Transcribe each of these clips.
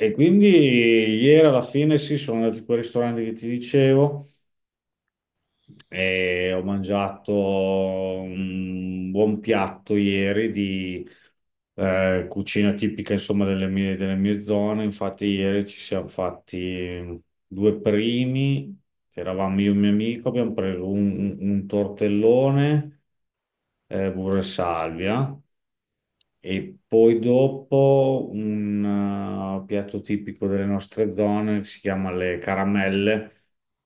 E quindi ieri alla fine sì, sono andato in quel ristorante che ti dicevo e ho mangiato un buon piatto ieri di cucina tipica insomma delle mie zone. Infatti ieri ci siamo fatti due primi, che eravamo io e un mio amico, abbiamo preso un tortellone burro e salvia. E poi dopo un piatto tipico delle nostre zone che si chiama le caramelle,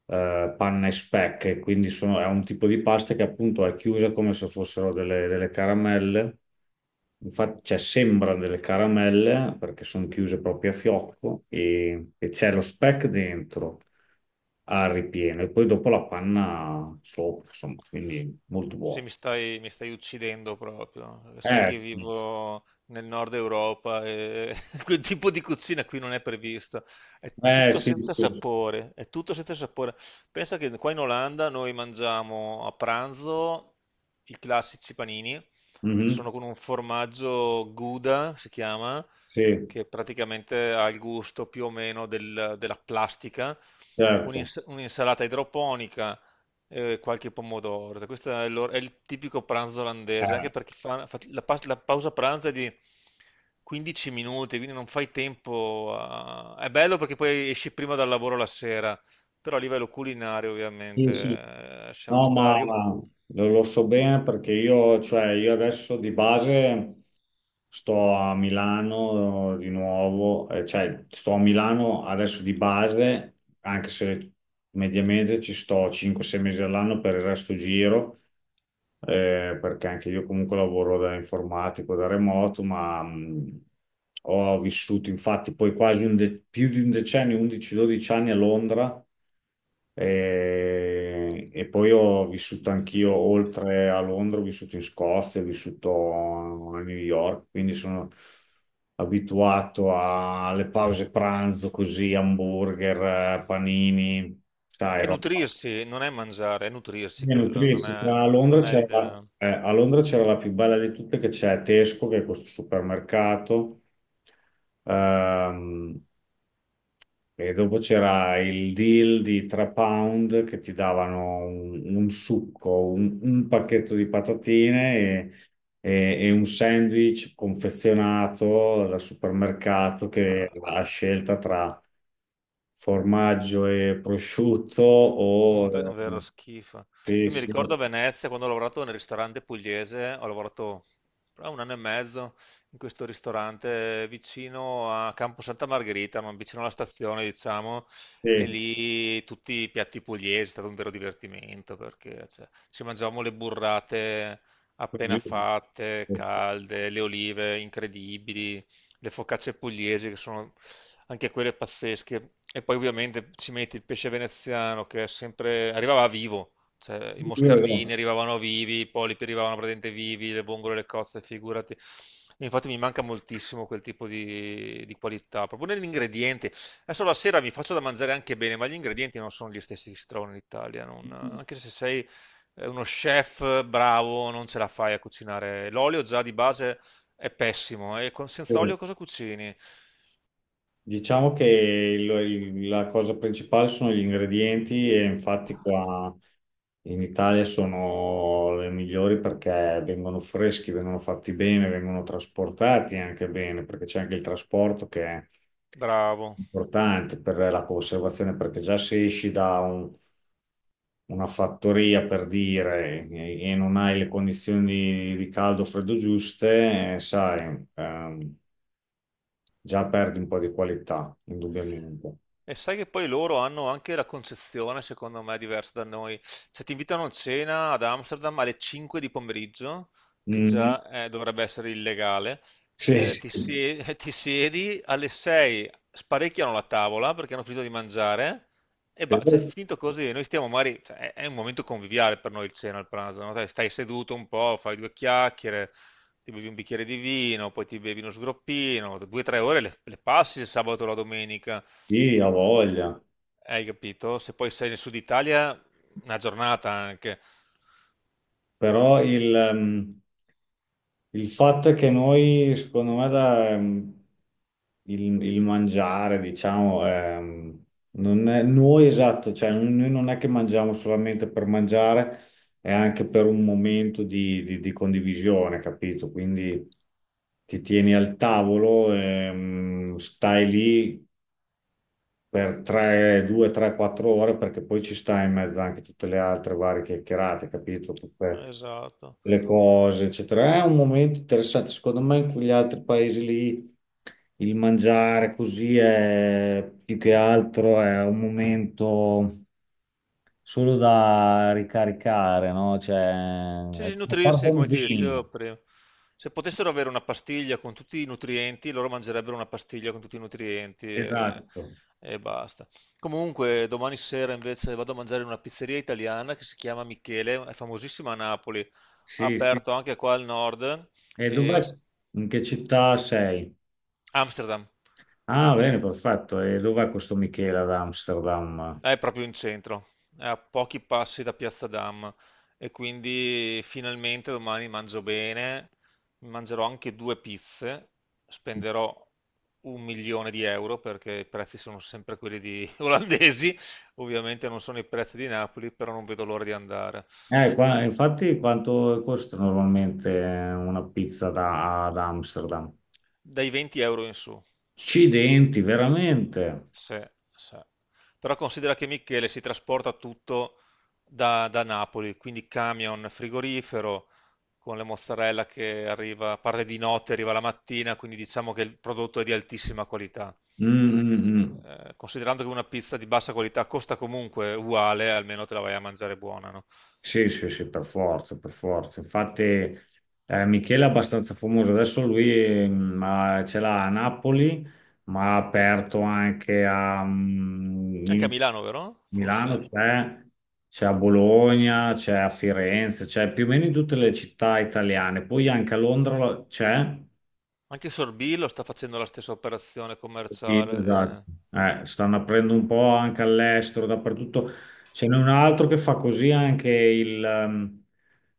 panna e speck, quindi è un tipo di pasta che appunto è chiusa come se fossero delle caramelle, infatti cioè, sembrano delle caramelle perché sono chiuse proprio a fiocco e c'è lo speck dentro al ripieno e poi dopo la panna sopra, insomma, quindi molto Sì, buono. mi stai uccidendo proprio. Sai che Sì, sì. vivo nel nord Europa e quel tipo di cucina qui non è prevista. È tutto Sì, senza sì. sapore, è tutto senza sapore. Pensa che qua in Olanda noi mangiamo a pranzo i classici panini, che sono Mhm. con un formaggio Gouda, si chiama, Sì, che praticamente ha il gusto più o meno della plastica. certo. Un'insalata idroponica e qualche pomodoro. Cioè, questo è, è il tipico pranzo olandese, anche Eh, perché la pausa pranzo è di 15 minuti, quindi non fai tempo È bello perché poi esci prima dal lavoro la sera, però a livello culinario sì, sì. ovviamente siamo No, ma stati... lo so bene perché cioè, io adesso di base sto a Milano di nuovo, cioè sto a Milano adesso di base, anche se mediamente ci sto 5-6 mesi all'anno per il resto giro. Perché anche io comunque lavoro da informatico, da remoto, ma ho vissuto infatti poi quasi più di un decennio, 11-12 anni a Londra e, poi ho vissuto anch'io oltre a Londra, ho vissuto in Scozia, ho vissuto a New York, quindi sono abituato alle pause pranzo così, hamburger, panini, sai, È roba. nutrirsi, non è mangiare, è nutrirsi Bisogna quello, non nutrirsi. è, A Londra non è c'era l'idea. A Londra c'era la più bella di tutte che c'è Tesco, che è questo supermercato, ehm, e dopo c'era il deal di 3 pound che ti davano un succo, un pacchetto di patatine e, e un sandwich confezionato dal supermercato Ma che ha scelta tra formaggio e prosciutto o... un vero schifo. Eh, Io mi sì, ricordo sì. a Venezia quando ho lavorato nel ristorante pugliese, ho lavorato un anno e mezzo in questo ristorante vicino a Campo Santa Margherita, ma vicino alla stazione, diciamo, e Sì, lì tutti i piatti pugliesi, è stato un vero divertimento perché cioè, ci mangiavamo le burrate appena così. fatte, calde, le olive incredibili, le focacce pugliesi che sono anche quelle pazzesche, e poi ovviamente ci metti il pesce veneziano che è sempre arrivava vivo, cioè i Io no. moscardini arrivavano vivi, i polipi arrivavano praticamente vivi, le vongole, le cozze, figurati. E infatti mi manca moltissimo quel tipo di qualità, proprio negli ingredienti. Adesso la sera mi faccio da mangiare anche bene, ma gli ingredienti non sono gli stessi che si trovano in Italia, non- anche se sei uno chef bravo non ce la fai a cucinare. L'olio già di base è pessimo. E con senza Eh, olio cosa cucini? Diciamo che la cosa principale sono gli ingredienti e infatti qua in Italia sono le migliori perché vengono freschi, vengono fatti bene, vengono trasportati anche bene, perché c'è anche il trasporto che è Bravo. importante per la conservazione, perché già se esci da una fattoria per dire e non hai le condizioni di caldo o freddo giuste, sai, già perdi un po' di qualità, indubbiamente. E sai che poi loro hanno anche la concezione, secondo me, diversa da noi. Se ti invitano a cena ad Amsterdam alle 5 di pomeriggio, che Mm. già dovrebbe essere illegale, Sì, sì. Ti siedi alle 6, sparecchiano la tavola perché hanno finito di mangiare e cioè, è finito così. Noi stiamo magari, cioè, è un momento conviviale per noi il cena, il pranzo, no? Dai, stai seduto un po', fai due chiacchiere, ti bevi un bicchiere di vino, poi ti bevi uno sgroppino, 2 o 3 ore le passi il sabato o la domenica, Sì, ha voglia. hai capito? Se poi sei nel sud Italia, una giornata anche. Però il fatto è che noi, secondo me, il mangiare, diciamo, non è, noi esatto, cioè noi non è che mangiamo solamente per mangiare, è anche per un momento di, di condivisione, capito? Quindi ti tieni al tavolo, stai lì per 3, 2, 3, 4 ore, perché poi ci sta in mezzo anche tutte le altre varie chiacchierate, capito? Tutte Esatto. le cose, eccetera. È un momento interessante, secondo me, in quegli altri paesi lì il mangiare così è più che altro è un momento solo da ricaricare, no? Cioè, Cioè, è sì, come far nutrirsi, buon come ti vino. dicevo prima. Se potessero avere una pastiglia con tutti i nutrienti, loro mangerebbero una pastiglia con tutti i nutrienti Esatto. e basta. Comunque, domani sera invece vado a mangiare in una pizzeria italiana che si chiama Michele, è famosissima a Napoli, ha Sì, sì. aperto anche qua al nord E e dov'è? In che città sei? Amsterdam Ah, bene, perfetto. E dov'è questo Michele ad Amsterdam? è proprio in centro, è a pochi passi da Piazza Dam e quindi finalmente domani mangio bene, mi mangerò anche due pizze, spenderò un milione di euro perché i prezzi sono sempre quelli di olandesi, ovviamente non sono i prezzi di Napoli, però non vedo l'ora di andare, Infatti, quanto costa normalmente una pizza ad Amsterdam? dai 20 euro in su. Accidenti, veramente. Sì, sì. Però considera che Michele si trasporta tutto da, da Napoli, quindi camion frigorifero con le mozzarella che arriva, parte di notte, arriva la mattina, quindi diciamo che il prodotto è di altissima qualità. Mm, mm, mm. Considerando che una pizza di bassa qualità costa comunque uguale, almeno te la vai a mangiare buona, no? Sì, sì, sì, per forza, per forza. Infatti, Michele è abbastanza famoso. Adesso lui ma ce l'ha a Napoli, ma ha aperto anche Anche a in Milano, vero? Milano, Forse? c'è a Bologna, c'è a Firenze, c'è più o meno in tutte le città italiane. Poi anche a Londra c'è. Anche Sorbillo sta facendo la stessa operazione Sì, commerciale. esatto. Stanno aprendo un po' anche all'estero, dappertutto. Ce n'è un altro che fa così anche il, ehm,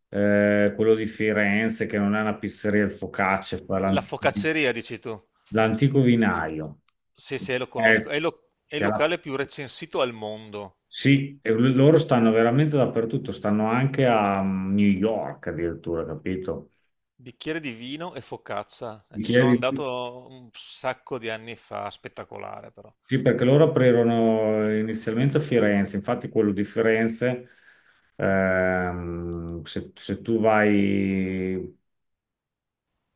eh, quello di Firenze, che non è una pizzeria, il focaccia, fa La focacceria, dici tu? l'antico vinaio. Sì, sì, lo conosco. Eh, È che il alla- locale più recensito al mondo. Sì, e loro stanno veramente dappertutto, stanno anche a New York addirittura, capito? Bicchiere di vino e focaccia. Ti Ci sono chiedi? andato un sacco di anni fa, spettacolare però. Sì, perché loro aprirono inizialmente a Firenze, infatti quello di Firenze, ehm, se, se tu vai,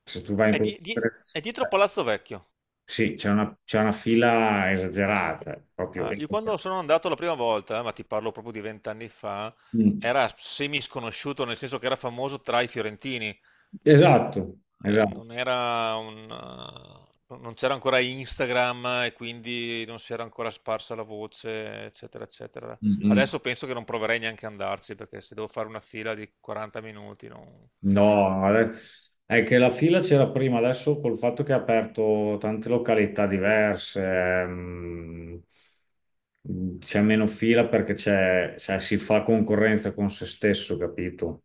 se tu vai in È, quello di di- di- Firenze, è dietro Palazzo Vecchio. sì, c'è una fila esagerata, proprio, Ah, io quando esagerata. sono andato la prima volta, ma ti parlo proprio di vent'anni fa, Mm. era semi sconosciuto, nel senso che era famoso tra i fiorentini. Esatto, esatto. Non era non c'era ancora Instagram e quindi non si era ancora sparsa la voce, eccetera, eccetera. Mm, mm. Adesso penso che non proverei neanche ad andarci perché se devo fare una fila di 40 minuti, non... No, è che la fila c'era prima, adesso col fatto che ha aperto tante località diverse, c'è meno fila perché c'è, cioè, si fa concorrenza con se stesso, capito?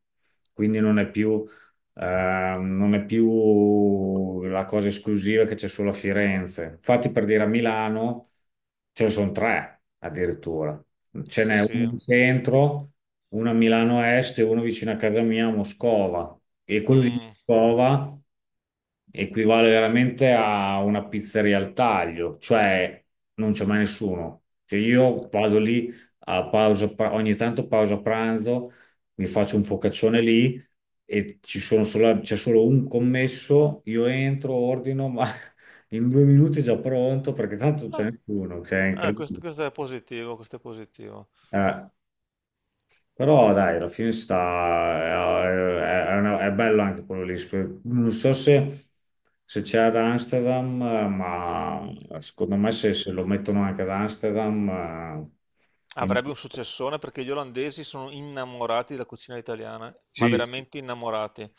Quindi eh, non è più la cosa esclusiva che c'è solo a Firenze. Infatti, per dire a Milano ce ne sono tre addirittura. Ce Sì, n'è uno sì. in centro, uno a Milano Est e uno vicino a casa mia a Moscova. E quello di Mm. Moscova equivale veramente a una pizzeria al taglio, cioè non c'è mai nessuno. Cioè io vado lì ogni tanto pausa pranzo, mi faccio un focaccione lì e c'è solo un commesso, io entro, ordino, ma in 2 minuti è già pronto perché tanto non c'è Ah, nessuno, cioè è questo, incredibile. questo è positivo, questo è positivo. Eh. Però dai, alla fine sta, è una- è bello anche quello lì. Non so se, se, c'è ad Amsterdam, ma secondo me se lo mettono anche ad Amsterdam, eh, in- Avrebbe un successone perché gli olandesi sono innamorati della cucina italiana, ma sì, veramente innamorati.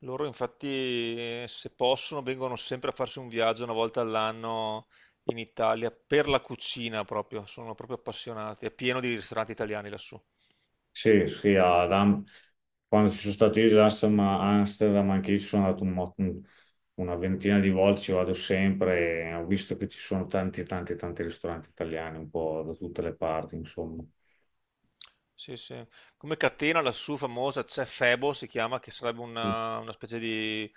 Loro infatti, se possono, vengono sempre a farsi un viaggio una volta all'anno in Italia per la cucina proprio, sono proprio appassionati. È pieno di ristoranti italiani lassù. sì, sì, quando ci sono stato io ad Amsterdam, anche io ci sono andato una ventina di volte, ci vado sempre e ho visto che ci sono tanti, tanti, tanti ristoranti italiani un po' da tutte le parti, insomma. Sì, sì. Come catena lassù famosa c'è Febo, si chiama, che sarebbe una specie di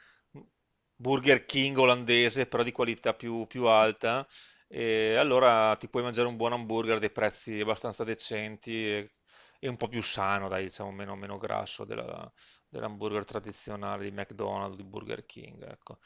Burger King olandese, però di qualità più, più alta. E allora ti puoi mangiare un buon hamburger a dei prezzi abbastanza decenti e un po' più sano, dai, diciamo, meno, meno grasso dell'hamburger tradizionale di McDonald's, di Burger King, ecco.